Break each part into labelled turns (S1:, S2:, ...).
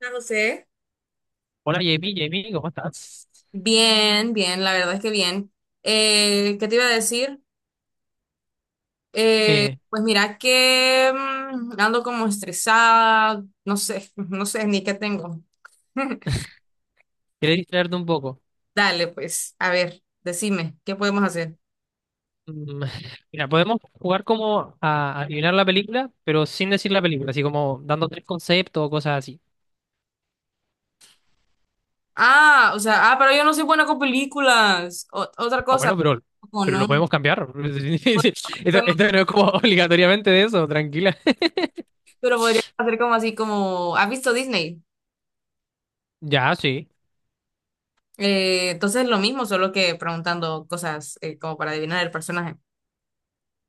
S1: Hola, José.
S2: Hola Jamie, Jamie, ¿cómo estás?
S1: Bien, bien, la verdad es que bien. ¿Qué te iba a decir?
S2: Eh,
S1: Pues mira que ando como estresada, no sé, no sé ni qué tengo.
S2: Quería distraerte un poco.
S1: Dale, pues, a ver, decime, ¿qué podemos hacer?
S2: Mm, Mira, podemos jugar como a adivinar la película, pero sin decir la película, así como dando tres conceptos o cosas así.
S1: Ah, o sea, ah, pero yo no soy buena con películas. Otra
S2: Ah,
S1: cosa,
S2: bueno,
S1: con
S2: pero lo podemos
S1: un,
S2: cambiar. Esto,
S1: hacerlo,
S2: esto no es como obligatoriamente de eso, tranquila.
S1: pero podría hacer como así, como, ¿has visto Disney?
S2: Ya, sí.
S1: Entonces lo mismo, solo que preguntando cosas como para adivinar el personaje.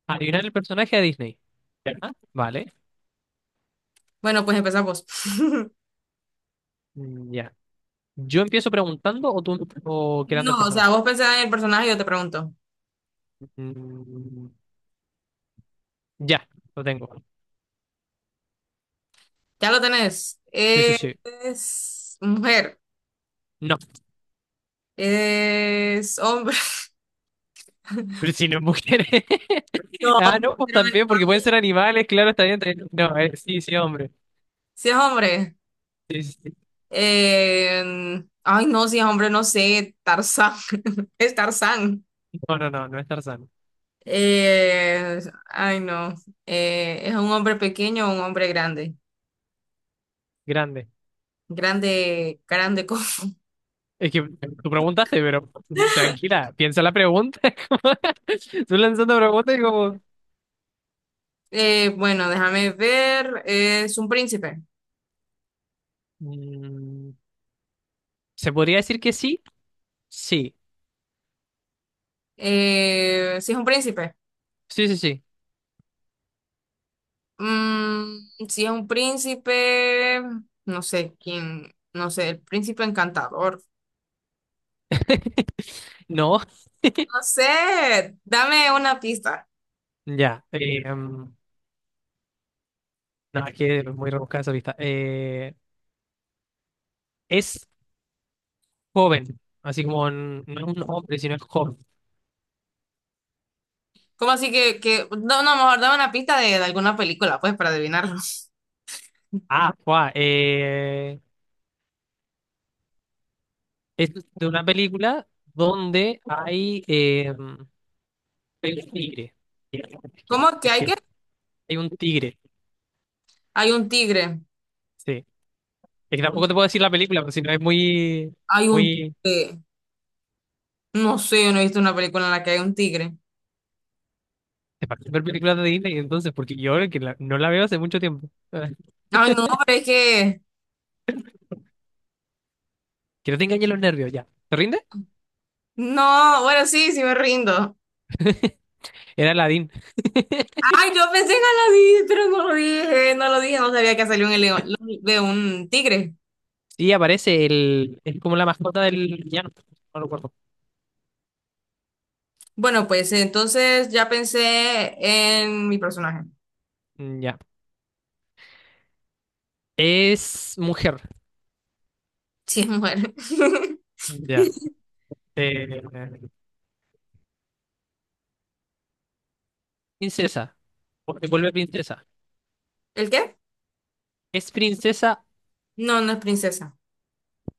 S2: Adivinar el personaje de Disney. Ya, vale.
S1: Bueno, pues empezamos.
S2: Mm, ya. ¿Yo empiezo preguntando o tú o creando el
S1: No, o sea,
S2: personaje?
S1: vos pensás en el personaje y yo te pregunto.
S2: Mm, ya, lo tengo.
S1: Ya lo tenés.
S2: Sí, sí, sí.
S1: ¿Es mujer?
S2: No.
S1: ¿Es hombre?
S2: Pero si no es mujer.
S1: No,
S2: Ah, no, pues
S1: pero
S2: también, porque pueden ser animales, claro, está bien. Está bien. No, sí, sí, hombre.
S1: si es hombre.
S2: Sí, sí, sí.
S1: eh, Ay, no, si es hombre, no sé. Tarzán. Es Tarzán.
S2: No, no, no, no es Tarzán.
S1: Eh, Ay, no. ¿Es un hombre pequeño o un hombre grande?
S2: Grande.
S1: Grande, grande.
S2: Es que tú preguntaste, pero tranquila, piensa la pregunta. como- Tú lanzando preguntas y como...
S1: Bueno, déjame ver. Es un príncipe.
S2: Mm, ¿se podría decir que sí? Sí.
S1: Si es un príncipe.
S2: Sí, sí, sí.
S1: Mm, si es un príncipe, no sé quién, no sé, el príncipe encantador.
S2: No,
S1: No sé, dame una pista.
S2: ya. No, es que es muy rebuscada esa lista. Es joven, así como no es un hombre, sino es joven.
S1: ¿Cómo así que, no, no, mejor dame una pista de alguna película, pues, para adivinarlo.
S2: Ah, guau, es de una película donde hay, hay un tigre. Es que,
S1: ¿Cómo
S2: es que
S1: que?
S2: hay un tigre,
S1: Hay un tigre,
S2: sí. Es que tampoco te puedo decir la película, porque si no es muy,
S1: hay un
S2: muy...
S1: tigre. No sé, yo no he visto una película en la que hay un tigre.
S2: Te parece ver películas de Disney, entonces, porque yo no la veo hace mucho tiempo.
S1: Ay, no, pero es que,
S2: Que no te engañen los nervios, ya. ¿Te rinde?
S1: no, bueno, sí, sí me rindo.
S2: Era Aladdin.
S1: Ay, yo pensé que no lo dije, pero no lo dije, no lo dije, no sabía que salió un león, de un tigre.
S2: Sí, aparece el... Es como la mascota del villano. No lo recuerdo.
S1: Bueno, pues entonces ya pensé en mi personaje.
S2: Mm, ya. Es mujer.
S1: Sí, es mujer.
S2: Ya. Eh, princesa. Porque vuelve princesa.
S1: ¿El qué?
S2: ¿Es princesa?
S1: No, no es princesa.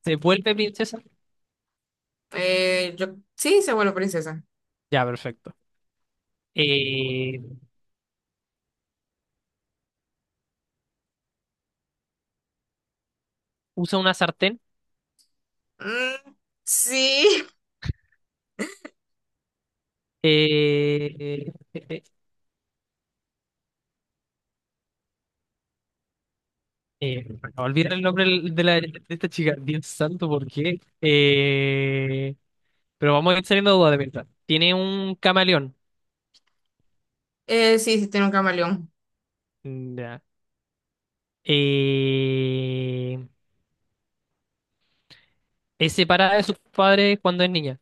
S2: ¿Se vuelve princesa?
S1: Yo sí se vuelve princesa.
S2: Ya, perfecto. Eh, usa una sartén.
S1: Mm, sí.
S2: Eh, eh, eh, me acabo el nombre de, la, de esta chica. Dios santo, ¿por qué? Pero vamos a ir saliendo de dudas de mientras. Tiene un camaleón.
S1: Sí, sí tiene un camaleón.
S2: Mm, ya. Eh, es separada de sus padres cuando es niña.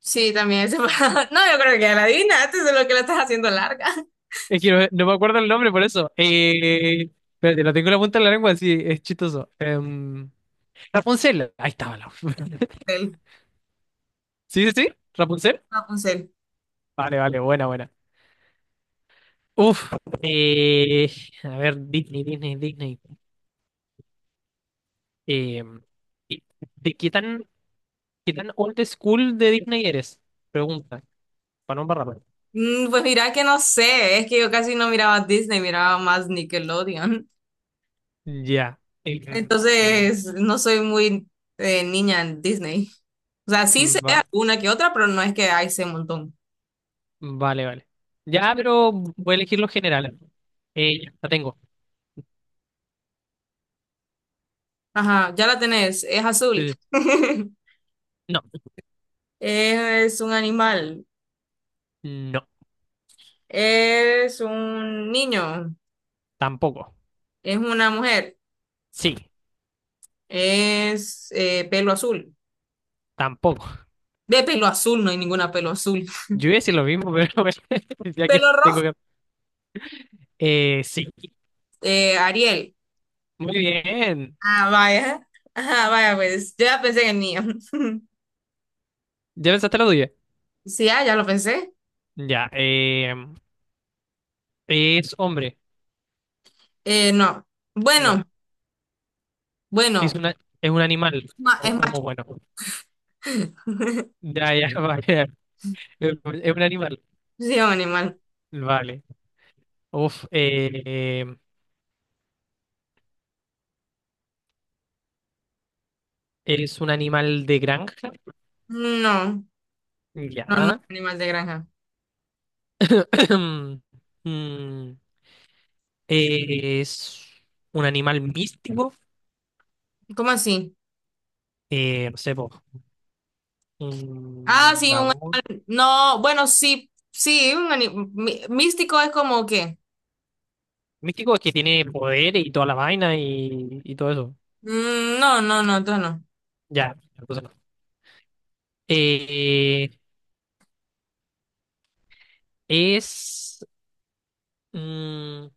S1: Sí, también es separado. No, yo creo que ya la adivinaste, solo que la estás haciendo larga.
S2: Es que no, no me acuerdo el nombre por eso. Espérate, lo tengo en la punta de la lengua, sí, es chistoso. Rapunzel. Ahí estaba.
S1: Él,
S2: Sí, sí, sí, Rapunzel.
S1: Rapunzel.
S2: Vale, vale, buena, buena. Uf, eh, a ver, Disney, Disney, Disney. Eh, ¿y ¿de qué tan old school de Disney eres? Pregunta, para no embarrarla.
S1: Mm, pues mira que no sé, es que yo casi no miraba Disney, miraba más Nickelodeon.
S2: Ya. Eh, mm,
S1: Entonces, no soy muy niña en Disney. O sea, sí
S2: Mm,
S1: sé
S2: va-
S1: una que otra, pero no es que hay sé un montón.
S2: vale, vale. Ya, pero voy a elegir los generales. Ya, la tengo.
S1: Ajá, ya la tenés, es
S2: Sí,
S1: azul.
S2: sí. No,
S1: Es un animal,
S2: no,
S1: es un niño,
S2: tampoco.
S1: es una mujer,
S2: Sí,
S1: es pelo azul.
S2: tampoco.
S1: De pelo azul, no hay ninguna pelo azul.
S2: Yo iba a decir lo mismo, pero bueno, ya
S1: Pelo
S2: que tengo
S1: rojo,
S2: que... sí,
S1: Ariel.
S2: muy bien.
S1: Ah, vaya. Ajá, vaya, pues yo ya pensé en el niño.
S2: ¿Ya pensaste la tuya?
S1: Sí, ah, ya lo pensé.
S2: Ya. ¿Es hombre?
S1: No.
S2: No.
S1: Bueno,
S2: ¿Es
S1: bueno.
S2: una, es un animal?
S1: Es
S2: O
S1: macho.
S2: como bueno. Ya, ya, vale. ¿Es un animal?
S1: Sí, es un animal.
S2: Vale. Uf. ¿Es un animal de granja?
S1: No, no, no es
S2: Ya.
S1: un animal de granja.
S2: Mm, ¿es un animal místico?
S1: ¿Cómo así?
S2: No sé, po,
S1: Ah,
S2: un
S1: sí, un
S2: dragón.
S1: animal. No, bueno, sí, sí, un animal. Místico es como que.
S2: Místico es que tiene poder y toda la vaina y todo eso.
S1: Mm, no, no, no, entonces no.
S2: Ya, entonces no. Eh, es. Mm,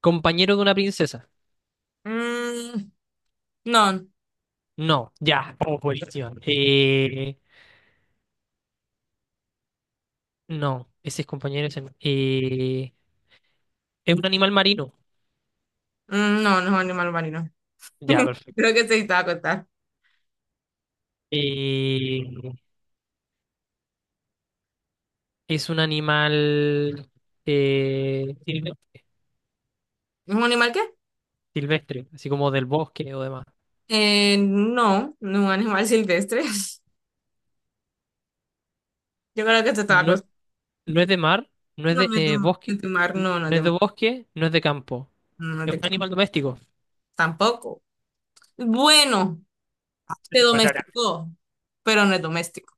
S2: compañero de una princesa.
S1: Mm, no,
S2: No, ya. Oh, buenísima. No, ese es compañero. Ese no. Es un animal marino.
S1: mm, no, no es un animal marino.
S2: Ya,
S1: Creo
S2: perfecto.
S1: que se estaba a acostar.
S2: Eh, es un animal silvestre,
S1: ¿Es un animal qué?
S2: silvestre, así como del bosque o demás.
S1: No, no es un animal silvestre. Yo creo que se estaba
S2: No,
S1: acostando.
S2: no es de mar, no es
S1: No,
S2: de
S1: no es de no
S2: bosque,
S1: es de mar, no, no es
S2: no
S1: de
S2: es de
S1: mar,
S2: bosque, no es de campo.
S1: no es
S2: Es
S1: de
S2: un
S1: campo.
S2: animal doméstico.
S1: Tampoco. Bueno. Se domesticó, pero no es doméstico.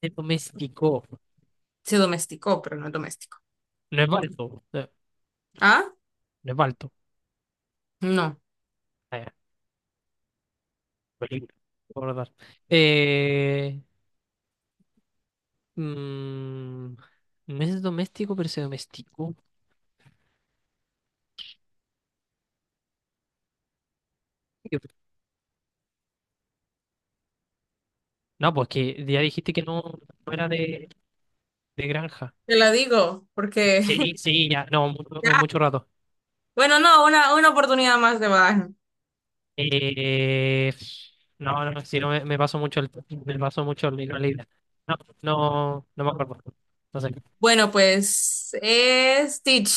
S2: Es doméstico.
S1: Se domesticó, pero no es doméstico.
S2: No es balto. No,
S1: ¿Ah?
S2: no es balto.
S1: No.
S2: Película. Recordar. Eh, mm, no es doméstico, pero se domesticó. No, pues que ya dijiste que no, no era de granja.
S1: Te la digo, porque
S2: Sí, sí, ya, no, mucho,
S1: ya.
S2: mucho rato.
S1: Bueno, no, una oportunidad más de badaje.
S2: Eh, no, no, si no me paso mucho el me paso mucho el hilo de la idea. No, no, no me acuerdo. No sé. O
S1: Bueno, pues es Stitch.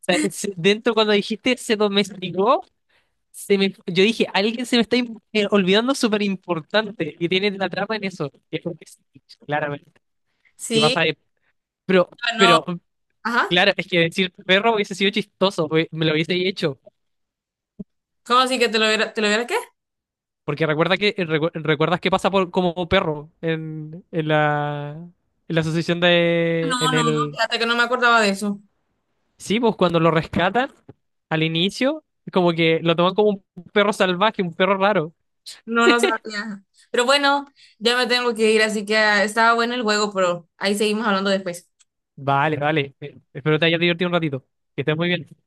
S2: sea, dentro cuando dijiste se domesticó. Se me, yo dije, alguien se me está olvidando súper importante y tiene la trama en eso. Y es porque sí, claramente. ¿Qué pasa?
S1: Sí,
S2: Pero,
S1: ganó.
S2: pero,
S1: Ajá.
S2: claro, es que decir perro hubiese sido chistoso, me lo hubiese hecho.
S1: ¿Cómo así que te lo hubiera qué?
S2: Porque recuerda que, recuerdas que pasa por, como perro en la asociación de,
S1: No,
S2: en
S1: no, no,
S2: el,
S1: fíjate que no me acordaba de eso.
S2: sí, pues cuando lo rescatan al inicio, como que lo toman como un perro salvaje, un perro raro.
S1: No, no sabía. Pero bueno, ya me tengo que ir, así que ah, estaba bueno el juego, pero ahí seguimos hablando después.
S2: Vale, vale. Espero te hayas divertido un ratito. Que estés muy bien.